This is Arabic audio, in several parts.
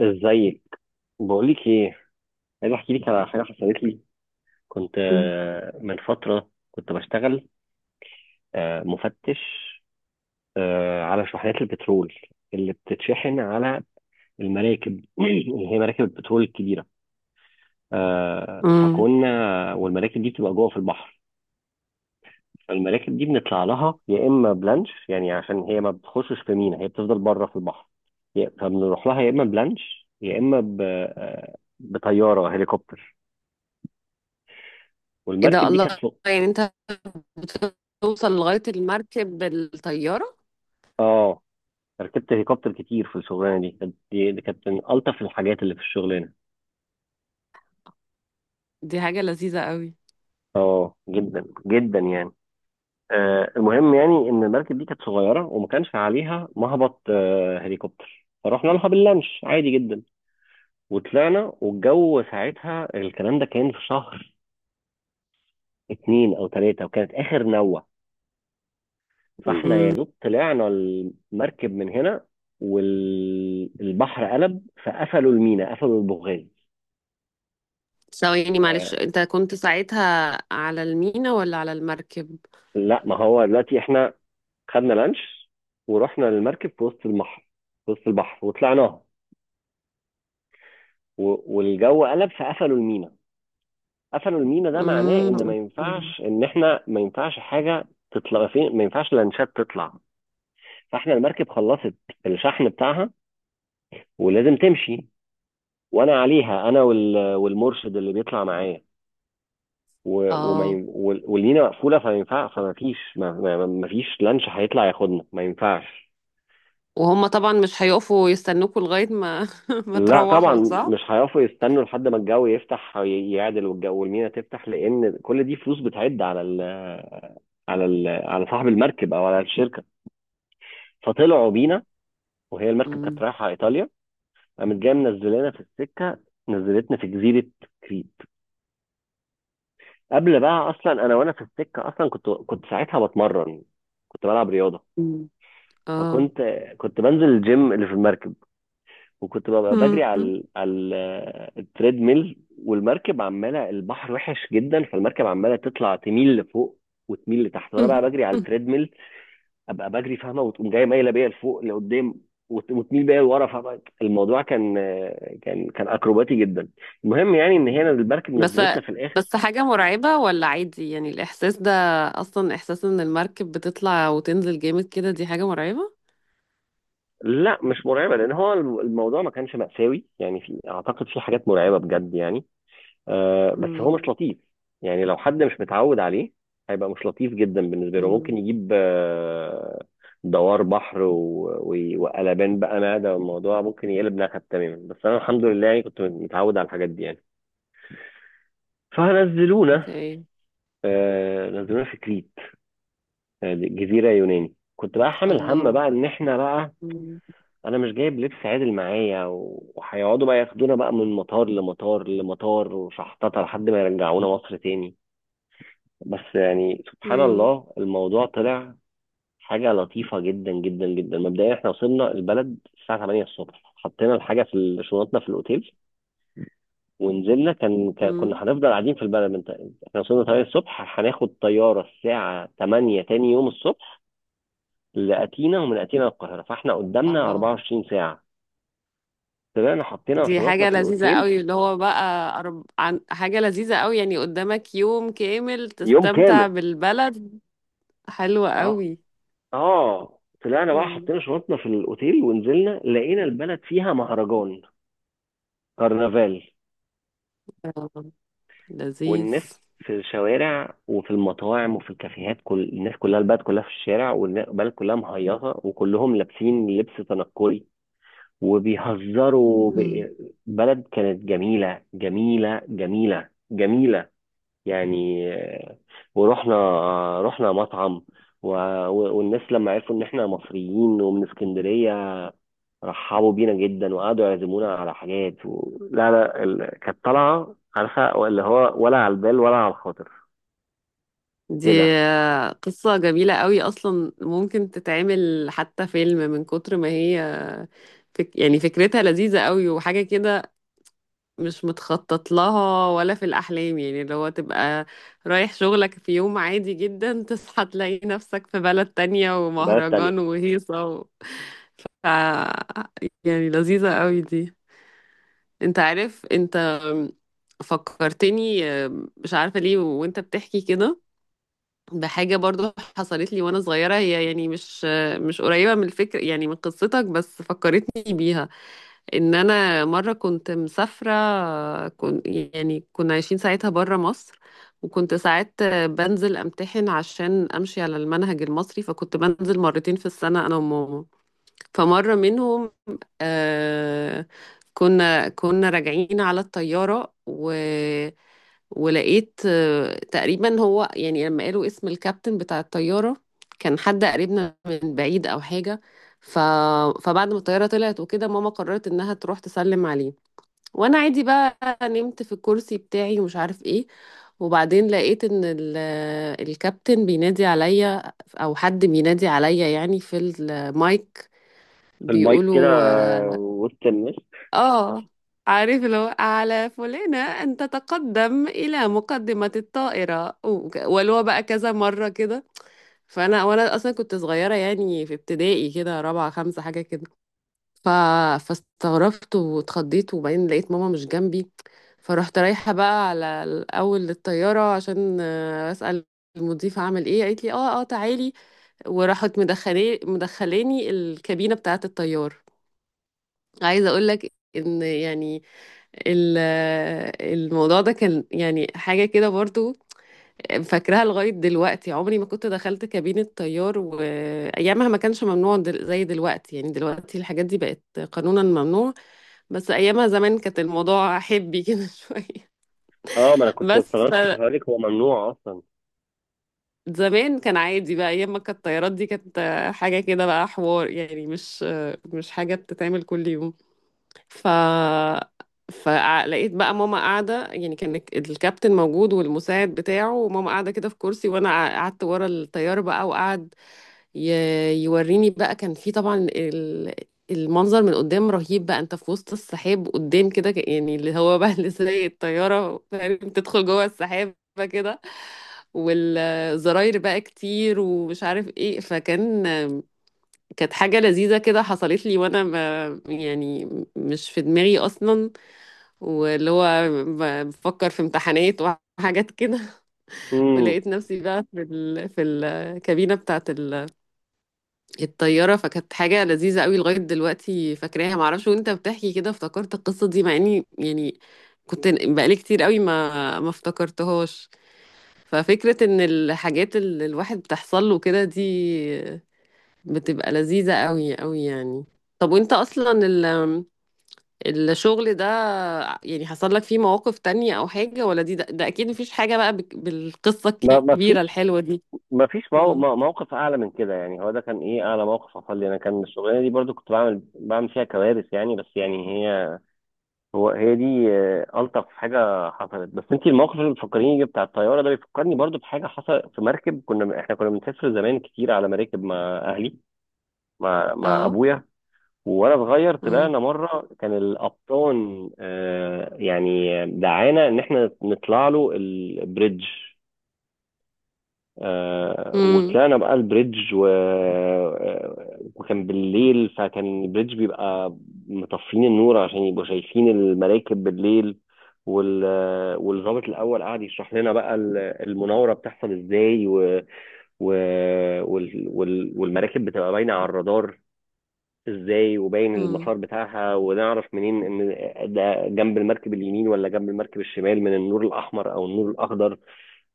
ازيك؟ بقولك ايه، عايز احكي لك على حاجه حصلت لي. كنت إمم. من فتره كنت بشتغل مفتش على شحنات البترول اللي بتتشحن على المراكب اللي هي مراكب البترول الكبيره. إمم. فكنا والمراكب دي بتبقى جوه في البحر. فالمراكب دي بنطلع لها يا اما بلانش يعني عشان هي ما بتخشش في مينا، هي بتفضل بره في البحر. فبنروح لها يا اما بلانش يا اما بطياره هليكوبتر. إيه ده! والمركب دي كانت. الله! يعني أنت بتوصل لغاية المركب بالطيارة؟ اه، ركبت هليكوبتر كتير في الشغلانه دي، كانت دي كانت من الطف الحاجات اللي في الشغلانه. دي حاجة لذيذة أوي. اه، جدا جدا يعني. آه، المهم يعني ان المركب دي كانت صغيره وما كانش عليها مهبط آه هليكوبتر، فرحنا لها باللانش عادي جدا. وطلعنا والجو ساعتها، الكلام ده كان في شهر اتنين او تلاته وكانت اخر نوه. فاحنا يا إمم. دوب طلعنا المركب من هنا والبحر قلب، فقفلوا المينا، قفلوا البوغاز. ثواني يعني معلش، آه، أنت كنت ساعتها على المينا والّا على المركب؟ لا، ما هو دلوقتي احنا خدنا لانش ورحنا للمركب في وسط البحر، في وسط البحر وطلعناها. والجو قلب فقفلوا المينا، قفلوا المينا. ده معناه إمم، ان ما أوكي. ينفعش، ان احنا ما ينفعش حاجه تطلع، فين ما ينفعش لانشات تطلع. فاحنا المركب خلصت الشحن بتاعها ولازم تمشي، وانا عليها انا والمرشد اللي بيطلع معايا. آه. والمينا مقفوله، فما ينفع، فما فيش، ما فيش لانش هيطلع ياخدنا، ما ينفعش. وهُم طبعًا مش هيقفوا يستنوكوا لغاية ما ما لا طبعا، تروّحوا، صح؟ مش هيعرفوا يستنوا لحد ما الجو يفتح يعدل والجو والمينا تفتح، لان كل دي فلوس بتعد على ال، على ال، على صاحب المركب او على الشركه. فطلعوا بينا. وهي المركب كانت إمم. رايحه ايطاليا، قامت جايه منزلانا في السكه، نزلتنا في جزيره كريت. قبل بقى اصلا، انا وانا في السكه اصلا كنت ساعتها بتمرن، كنت بلعب رياضه. إمم. آه. فكنت كنت بنزل الجيم اللي في المركب، وكنت ببقى بجري على ال، على التريد ميل. والمركب عماله، البحر وحش جدا فالمركب عماله تطلع، تميل لفوق وتميل لتحت وانا بقى بجري على التريد ميل. ابقى بجري، فاهمه، وتقوم جايه مايله بيا لفوق لقدام، وتميل بيا لورا. فاهمه، الموضوع كان كان اكروباتي جدا. المهم يعني ان هنا المركب بس نزلتنا في الاخر. بس حاجة مرعبة ولا عادي، يعني الإحساس ده؟ أصلا إحساس إن المركب بتطلع وتنزل جامد كده، دي حاجة مرعبة؟ لا مش مرعبه، لان هو الموضوع ما كانش مأساوي يعني، في، اعتقد في حاجات مرعبه بجد يعني. آه بس هو امم. مش لطيف، يعني لو حد مش متعود عليه هيبقى مش لطيف جدا بالنسبه له، ممكن امم. يجيب دوار بحر وقلبان بقى معده، والموضوع ممكن يقلب نكد تماما. بس انا الحمد لله يعني كنت متعود على الحاجات دي يعني. فنزلونا، اوكي. آه نزلونا في كريت، جزيره يوناني. كنت بقى حامل هم الله. بقى ان احنا بقى، امم. انا مش جايب لبس عادل معايا، وهيقعدوا بقى ياخدونا بقى من مطار لمطار لمطار وشحططه لحد ما يرجعونا مصر تاني. بس يعني سبحان امم. الله الموضوع طلع حاجة لطيفة جدا جدا جدا. مبدئيا احنا وصلنا البلد الساعة 8 الصبح، حطينا الحاجة في شنطنا في الأوتيل ونزلنا. كان امم. كنا هنفضل قاعدين في البلد من احنا وصلنا 8 الصبح، هناخد طيارة الساعة 8 تاني يوم الصبح لأتينا، ومن أتينا للقاهرة، فاحنا قدامنا اه. 24 ساعة. طلعنا حطينا دي شنطنا حاجة في لذيذة الأوتيل. قوي اللي هو بقى. حاجة لذيذة قوي، يعني قدامك يوم كامل يوم تستمتع كامل. بالبلد. حلوة اه، قوي. اه، طلعنا بقى امم. حطينا شنطنا في الأوتيل ونزلنا، لقينا البلد فيها مهرجان، كرنفال. آه، لذيذ. والناس في الشوارع وفي المطاعم وفي الكافيهات، كل الناس كلها البلد كلها في الشارع، والبلد كلها مهيصة وكلهم لابسين لبس تنكري وبيهزروا بلد كانت جميلة جميلة جميلة جميلة يعني. ورحنا رحنا مطعم و- والناس لما عرفوا ان احنا مصريين ومن اسكندرية رحبوا بينا جدا، وقعدوا يعزمونا على حاجات و... لا لا ال... كانت طالعة، عارفة اللي هو، ولا على البال ولا على الخاطر دي كده. قصة جميلة قوي، أصلا ممكن تتعمل حتى فيلم من كتر ما هي. يعني فكرتها لذيذة قوي وحاجة كده، مش متخطط لها ولا في الأحلام، يعني اللي هو تبقى رايح شغلك في يوم عادي جدا تصحى تلاقي نفسك في بلد تانية بلد تانية. ومهرجان وهيصة. ف... يعني لذيذة قوي دي. انت عارف، انت فكرتني، مش عارفة ليه وانت بتحكي كده بحاجة برضو حصلت لي وانا صغيرة، هي يعني مش قريبة من الفكر يعني من قصتك، بس فكرتني بيها. ان انا مرة كنت مسافرة، كنت يعني كنا عايشين ساعتها برا مصر، وكنت ساعات بنزل امتحن عشان امشي على المنهج المصري، فكنت بنزل مرتين في السنة انا وماما. فمرة منهم آه كنا راجعين على الطيارة و ولقيت تقريبا، هو يعني لما قالوا اسم الكابتن بتاع الطيارة كان حد قريبنا من بعيد أو حاجة. ف... فبعد ما الطيارة طلعت وكده، ماما قررت إنها تروح تسلم عليه، وأنا عادي بقى نمت في الكرسي بتاعي ومش عارف إيه. وبعدين لقيت إن الكابتن بينادي عليا، أو حد بينادي عليا يعني في المايك، المايك كده، بيقولوا آه، وسط الناس. اه عارف، لو على فلانة أن تتقدم إلى مقدمة الطائرة، ولو بقى كذا مرة كده. فأنا أصلا كنت صغيرة، يعني في ابتدائي كده، رابعة خمسة حاجة كده. ف... فاستغربت واتخضيت، وبعدين لقيت ماما مش جنبي، فرحت رايحة بقى على الأول للطيارة عشان أسأل المضيفة عمل إيه، قالت لي اه، اه، تعالي، وراحت مدخلاني الكابينة بتاعة الطيار. عايزة أقول لك ان يعني ال- الموضوع ده كان يعني حاجة كده برضو، فاكراها لغاية دلوقتي، عمري ما كنت دخلت كابينة طيار، وأيامها ما كانش ممنوع زي دلوقتي، يعني دلوقتي الحاجات دي بقت قانونا ممنوع، بس أيامها زمان كانت الموضوع حبي كده شوية. اه، ما انا كنت بس استغربت، كنت هقول لك هو ممنوع اصلا. زمان كان عادي بقى، أيام ما كانت الطيارات دي كانت حاجة كده بقى حوار، يعني مش حاجة بتتعمل كل يوم. ف فلقيت بقى ماما قاعدة، يعني كان الكابتن موجود والمساعد بتاعه، وماما قاعدة كده في كرسي، وأنا قعدت ورا الطيارة بقى وقعد ي... يوريني بقى. كان في طبعا المنظر من قدام رهيب بقى، انت في وسط السحاب قدام كده، يعني اللي هو بقى اللي سايق الطيارة، فاهم؟ تدخل جوه السحاب كده، والزراير بقى كتير ومش عارف ايه، كانت حاجة لذيذة كده حصلت لي وانا يعني مش في دماغي اصلا، واللي هو بفكر في امتحانات وحاجات كده. امم، ولقيت نفسي بقى في في الكابينة بتاعت الطيارة، فكانت حاجة لذيذة قوي لغاية دلوقتي فاكراها. معرفش وانت بتحكي كده افتكرت القصة دي، مع اني يعني كنت بقالي كتير قوي ما افتكرتهاش. ففكرة ان الحاجات اللي الواحد بتحصل له كده دي بتبقى لذيذة قوي قوي يعني. طب وانت اصلا الشغل ده، يعني حصل لك فيه مواقف تانية او حاجة، ولا ده اكيد مفيش حاجة بقى بالقصة ما ما الكبيرة فيش، الحلوة دي؟ ما فيش مو... اه. موقف اعلى من كده يعني. هو ده كان ايه اعلى موقف حصل لي انا، كان الشغلانه دي برضو كنت بعمل، بعمل فيها كوارث يعني. بس يعني هي، هو هي دي الطف حاجه حصلت. بس انت الموقف اللي بتفكريني بتاع الطياره ده بيفكرني برضو بحاجه حصلت في مركب، كنا احنا كنا بنسافر زمان كتير على مراكب مع اهلي، مع مع اه. ابويا. وانا صغير امم. طلعنا مره، كان القبطان يعني دعانا ان احنا نطلع له البريدج. امم. وطلعنا بقى البريدج و... وكان بالليل، فكان البريدج بيبقى مطفين النور عشان يبقوا شايفين المراكب بالليل. وال... والضابط الاول قعد يشرح لنا بقى المناوره بتحصل ازاي و... و... وال... وال... والمراكب بتبقى باينه على الرادار ازاي، وباين امم. المسار بتاعها، ونعرف منين ان ده جنب المركب اليمين ولا جنب المركب الشمال من النور الاحمر او النور الاخضر.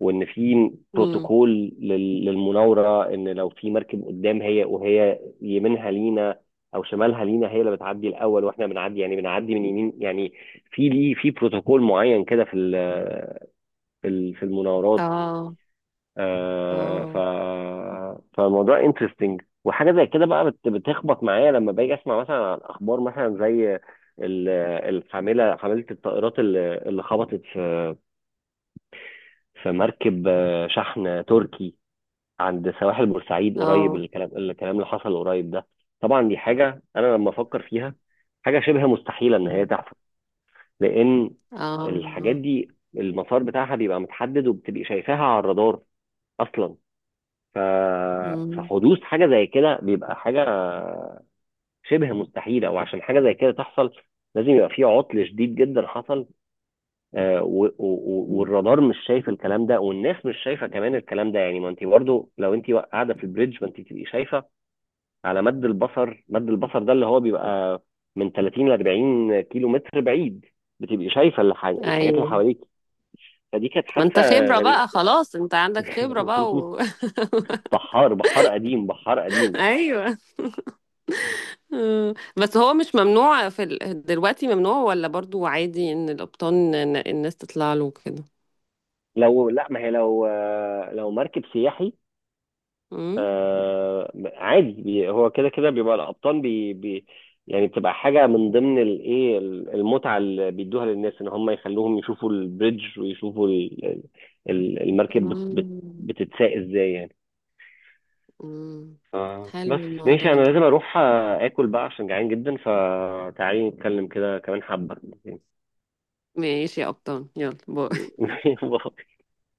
وان في امم. بروتوكول للمناوره، ان لو في مركب قدام، هي وهي يمينها لينا او شمالها لينا، هي اللي بتعدي الاول واحنا بنعدي يعني، بنعدي من يمين يعني. في ليه، في بروتوكول معين كده في ال، في ال، في المناورات. اه. آه، ف اه. فالموضوع انترستنج. وحاجه زي كده بقى بتخبط معايا لما باجي اسمع مثلا عن اخبار مثلا زي ال- الحامله، حامله الطائرات اللي خبطت في في مركب شحن تركي عند سواحل بورسعيد قريب، اه. الكلام الكلام اللي حصل قريب ده. طبعا دي حاجه انا لما افكر فيها، حاجه شبه مستحيله ان هي امم. تحصل، لان الحاجات اه. دي المسار بتاعها بيبقى متحدد، وبتبقي شايفاها على الرادار اصلا. ف... امم. فحدوث حاجة زي كده بيبقى حاجة شبه مستحيلة، وعشان حاجة زي كده تحصل لازم يبقى في عطل شديد جدا حصل، امم. والرادار مش شايف الكلام ده، والناس مش شايفة كمان الكلام ده. يعني ما انت برضو لو انت قاعدة في البريدج ما انت تبقي شايفة على مد البصر. مد البصر ده اللي هو بيبقى من 30 ل 40 كيلو متر بعيد، بتبقي شايفة الحاجات اللي ايوه. حواليك. فدي كانت ما انت حادثة خبرة غريبة. بقى خلاص، انت عندك خبرة بقى. بحار، بحار قديم بحار قديم ايوه. بس هو مش ممنوع في دلوقتي؟ ممنوع ولا برضو عادي ان القبطان، الناس تطلع له كده؟ لو، لا ما هي، لو لو مركب سياحي، امم. عادي، هو كده كده بيبقى القبطان بي بي يعني، بتبقى حاجة من ضمن الايه، المتعة اللي بيدوها للناس ان هم يخلوهم يشوفوا البريدج، ويشوفوا ال، ال، المركب أمم. بتتساق ازاي يعني. أمم. بس حلو ماشي، الموضوع انا ده. لازم اروح اكل بقى عشان جعان جدا، فتعالي نتكلم كده كمان حبة. ماشي يا قبطان، يلا باي.